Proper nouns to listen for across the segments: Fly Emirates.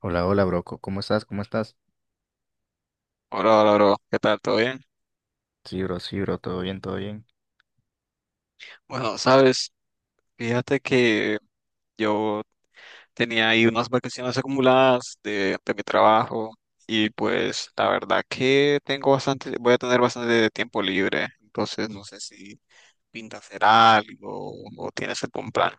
Hola, hola, bro. ¿Cómo estás? ¿Cómo estás? Hola, hola, bro. ¿Qué tal? ¿Todo bien? Sí, bro, sí, bro. Todo bien, todo bien. Bueno, sabes, fíjate que yo tenía ahí unas vacaciones acumuladas de mi trabajo y pues la verdad que tengo bastante, voy a tener bastante tiempo libre, entonces no sé si pinta hacer algo o tienes algún plan.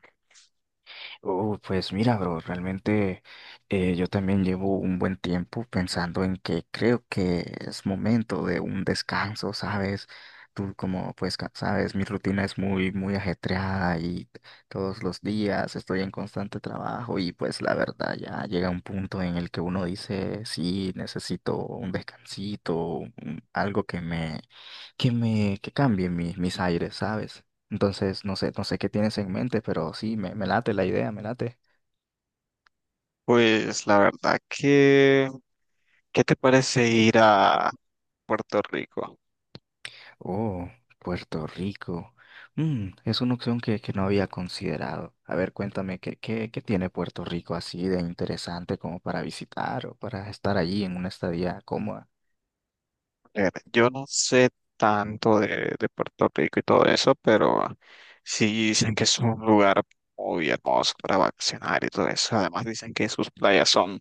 Oh, pues mira, bro, realmente yo también llevo un buen tiempo pensando en que creo que es momento de un descanso, ¿sabes? Tú como pues sabes, mi rutina es muy, muy ajetreada y todos los días estoy en constante trabajo y pues la verdad ya llega un punto en el que uno dice, sí, necesito un descansito, algo que me, que cambie mis aires, ¿sabes? Entonces, no sé, qué tienes en mente, pero sí, me late la idea, me late. Pues la verdad que, ¿qué te parece ir a Puerto Rico? Oh, Puerto Rico. Es una opción que no había considerado. A ver, cuéntame, ¿qué tiene Puerto Rico así de interesante como para visitar o para estar allí en una estadía cómoda? Yo no sé tanto de Puerto Rico y todo eso, pero sí dicen que es un lugar muy hermoso para vacacionar y todo eso. Además dicen que sus playas son,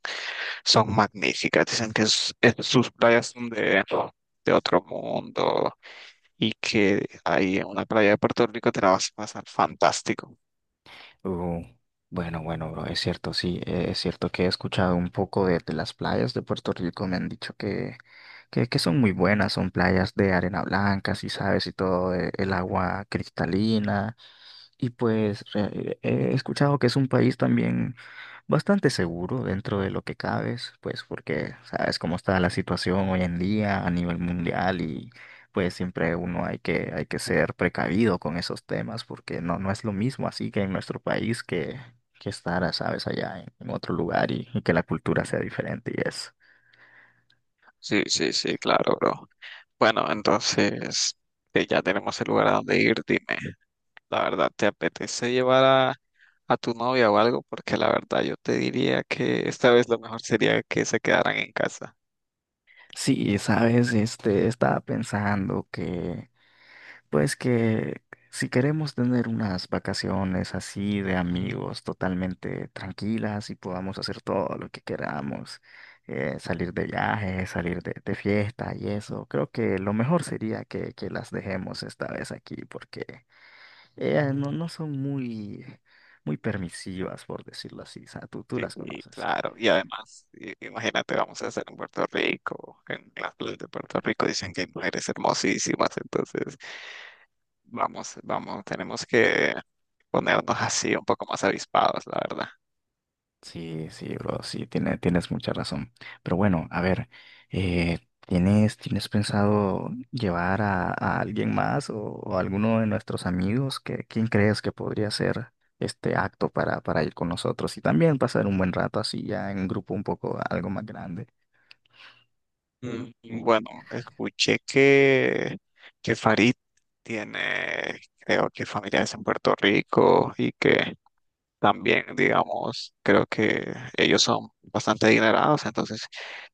son magníficas, dicen que sus playas son de otro mundo y que ahí en una playa de Puerto Rico te la vas a pasar fantástico. Oh, bueno, bueno, bro, es cierto, sí, es cierto que he escuchado un poco de las playas de Puerto Rico, me han dicho que son muy buenas, son playas de arena blanca, si sabes, y todo, el agua cristalina. Y pues he escuchado que es un país también bastante seguro dentro de lo que cabes, pues porque sabes cómo está la situación hoy en día a nivel mundial y pues siempre uno hay que ser precavido con esos temas porque no, no es lo mismo así que en nuestro país que, estar, sabes, allá en otro lugar y que la cultura sea diferente y eso. Sí, sí, sí, claro, bro. Bueno, entonces que ya tenemos el lugar a donde ir, dime, la verdad, ¿te apetece llevar a tu novia o algo? Porque la verdad yo te diría que esta vez lo mejor sería que se quedaran en casa. Sí, sabes, este, estaba pensando que Pues que si queremos tener unas vacaciones así de amigos totalmente tranquilas y podamos hacer todo lo que queramos, salir de viaje, salir de fiesta y eso, creo que lo mejor sería que las dejemos esta vez aquí porque ellas no, no son muy, muy permisivas, por decirlo así. O sea, tú Sí, las y conoces. claro, y además, imagínate, vamos a hacer en Puerto Rico, en las playas de Puerto Rico dicen que hay mujeres hermosísimas, entonces vamos, vamos, tenemos que ponernos así un poco más avispados, la verdad. Sí, sí, bro, sí, tienes mucha razón. Pero bueno, a ver, eh, ¿tienes pensado llevar a alguien más o alguno de nuestros amigos? Quién crees que podría ser este acto para ir con nosotros y también pasar un buen rato así ya en un grupo un poco algo más grande? Mm, O, Bueno, escuché que Farid tiene, creo que familiares en Puerto Rico y que también, digamos, creo que ellos son bastante adinerados, entonces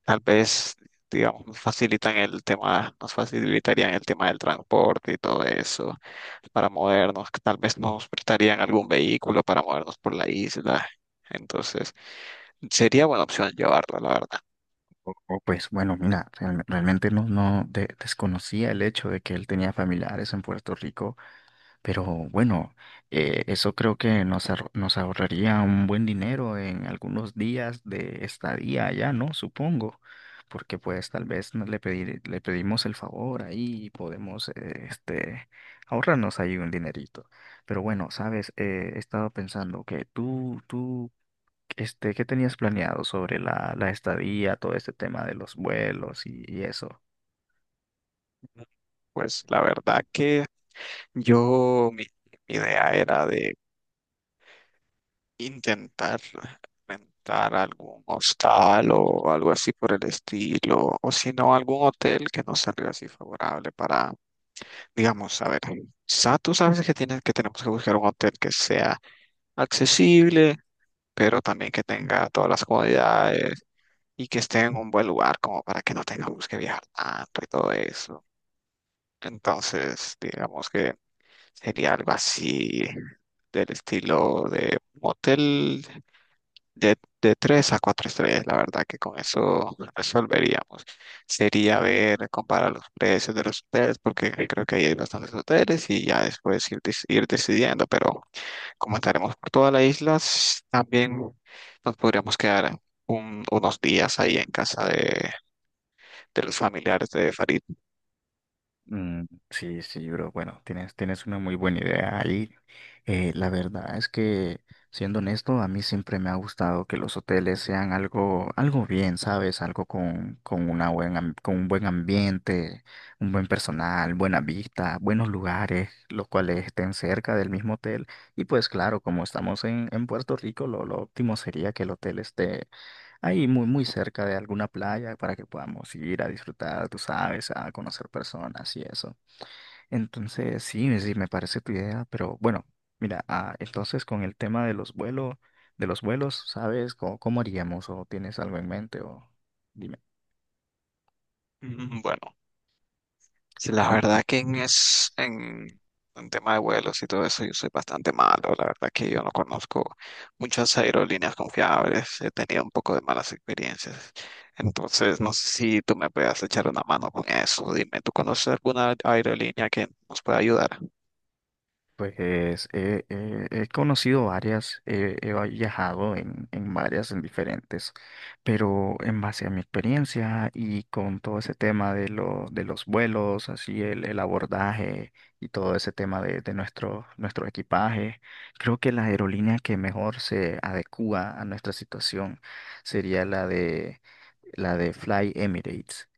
tal vez, digamos, nos facilitan el tema, nos facilitarían el tema del transporte y todo eso para movernos, que tal vez nos prestarían algún vehículo para movernos por la isla. Entonces, sería buena opción llevarla, la verdad. o, pues bueno, mira, realmente no, no desconocía el hecho de que él tenía familiares en Puerto Rico. Pero bueno, eso creo que nos ahorraría un buen dinero en algunos días de estadía allá, ¿no? Supongo, porque pues tal vez le pedimos el favor ahí y podemos este, ahorrarnos ahí un dinerito. Pero bueno, sabes, he estado pensando que tú, este, ¿qué tenías planeado sobre la estadía, todo este tema de los vuelos y eso? Pues la verdad que yo, mi, mi idea era de intentar rentar algún hostal o algo así por el estilo, o si no, algún hotel que nos salga así favorable para, digamos, a ver, tú sabes que tienes que tenemos que buscar un hotel que sea accesible, pero también que tenga todas las comodidades y que esté en un buen lugar como para que no tengamos que viajar tanto y todo eso. Entonces, digamos que sería algo así del estilo de motel de 3 a 4 estrellas, la verdad que con eso resolveríamos. Sería ver, comparar los precios de los hoteles, porque creo que ahí hay bastantes hoteles y ya después ir, ir decidiendo, pero como estaremos por toda la isla, también nos podríamos quedar unos días ahí en casa de los familiares de Farid. Mm, sí, sí, bro. Bueno, tienes una muy buena idea ahí. La verdad es que, siendo honesto, a mí siempre me ha gustado que los hoteles sean algo, bien, ¿sabes? Algo con un buen ambiente, un buen personal, buena vista, buenos lugares, los cuales estén cerca del mismo hotel. Y pues claro, como estamos en Puerto Rico, lo óptimo sería que el hotel esté ahí muy, muy cerca de alguna playa para que podamos ir a disfrutar, tú sabes, a conocer personas y eso. Entonces, sí, sí, me parece tu idea, pero bueno, mira, ah, entonces con el tema de los vuelos, ¿sabes? ¿Cómo haríamos? ¿O tienes algo en mente? O dime. Mm, Bueno, Sí, la verdad que en tema de vuelos y todo eso yo soy bastante malo. La verdad que yo no conozco muchas aerolíneas confiables. He tenido un poco de malas experiencias. Entonces, no sé si tú me puedas echar una mano con eso. Dime, ¿tú conoces alguna aerolínea que nos pueda ayudar? Pues he conocido varias, he viajado en varias, en diferentes, pero en base a mi experiencia y con todo ese tema de los vuelos, así el abordaje y todo ese tema de nuestro, equipaje, creo que la aerolínea que mejor se adecúa a nuestra situación sería la de Fly Emirates.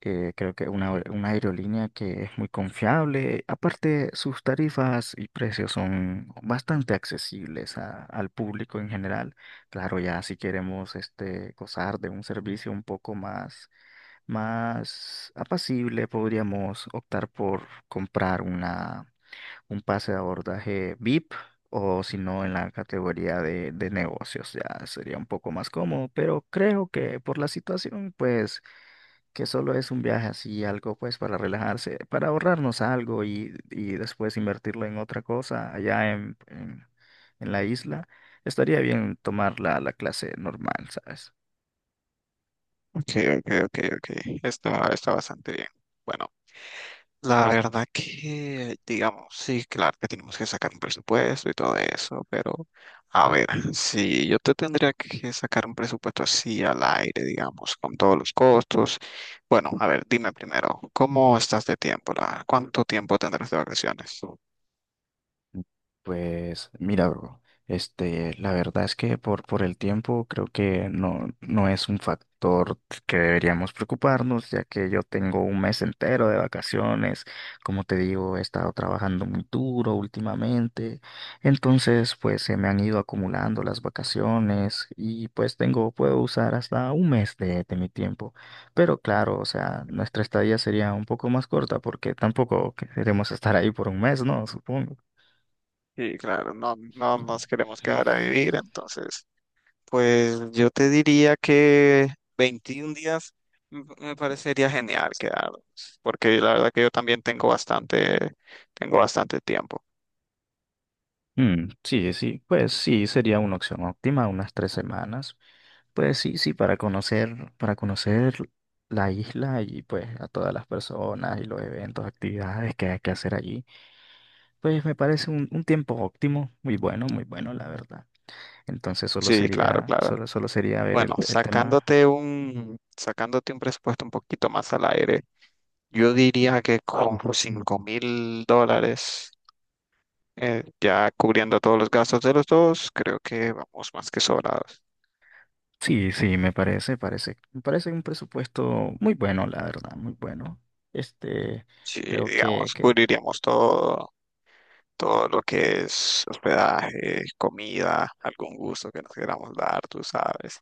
Creo que una aerolínea que es muy confiable. Aparte, sus tarifas y precios son bastante accesibles al público en general. Claro, ya si queremos este, gozar de un servicio un poco más apacible, podríamos optar por comprar un pase de abordaje VIP. O si no en la categoría de negocios ya sería un poco más cómodo, pero creo que por la situación pues que solo es un viaje así, algo pues para relajarse, para ahorrarnos algo y después invertirlo en otra cosa allá en la isla, estaría bien tomar la clase normal, ¿sabes? Ok, ok, ok, ok. Está, está bastante bien. Bueno. La verdad que, digamos, sí, claro que tenemos que sacar un presupuesto y todo eso, pero a ver, si yo te tendría que sacar un presupuesto así al aire, digamos, con todos los costos. Bueno, a ver, dime primero, ¿cómo estás de tiempo? ¿Cuánto tiempo tendrás de vacaciones? Pues mira, bro, este, la verdad es que por el tiempo creo que no, no es un factor que deberíamos preocuparnos, ya que yo tengo un mes entero de vacaciones, como te digo, he estado trabajando muy duro últimamente, entonces pues se me han ido acumulando las vacaciones y pues puedo usar hasta un mes de mi tiempo, pero claro, o sea, nuestra estadía sería un poco más corta porque tampoco queremos estar ahí por un mes, ¿no? Supongo. Sí, claro, no, no nos queremos quedar a vivir, entonces pues yo te diría que 21 días me parecería genial quedarnos, porque la verdad que yo también tengo bastante tiempo. Mm, sí, sí, pues sí, sería una opción óptima, unas 3 semanas. Pues sí, sí, para conocer la isla y pues a todas las personas y los eventos, actividades que hay que hacer allí, pues me parece un tiempo óptimo, muy bueno, muy bueno, la verdad. Entonces solo Sí, claro, sería, claro. solo, solo sería ver Bueno, el tema. Sacándote un presupuesto un poquito más al aire, yo diría que con $5.000, ya cubriendo todos los gastos de los dos, creo que vamos más que sobrados. Sí, sí, me parece un presupuesto muy bueno, la verdad, muy bueno. Este, Sí, creo digamos, que cubriríamos todo, todo lo que es hospedaje, comida, algún gusto que nos queramos dar, tú sabes.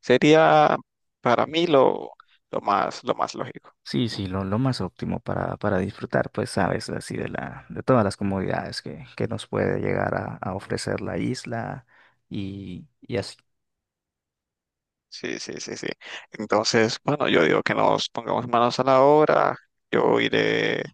Sería para mí lo más lógico. Sí, sí, lo más óptimo para disfrutar, pues sabes, así de todas las comodidades que nos puede llegar a ofrecer la isla y así. Sí, sí, sí, sí. Entonces, bueno, yo digo que nos pongamos manos a la obra. Yo iré,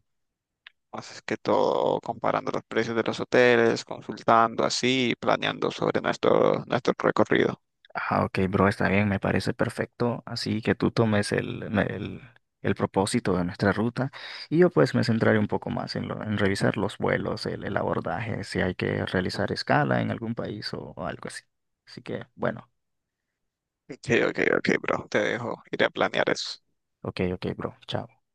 más que todo, comparando los precios de los hoteles, consultando así, planeando sobre nuestro recorrido. Ah, ok, bro, está bien, me parece perfecto. Así que tú tomes el propósito de nuestra ruta y yo pues me centraré un poco más en revisar los vuelos, el abordaje, si hay que realizar escala en algún país o algo así. Así que, bueno, Ok, ok, ok, bro, te dejo, iré a planear eso. ok, ok, bro, chao.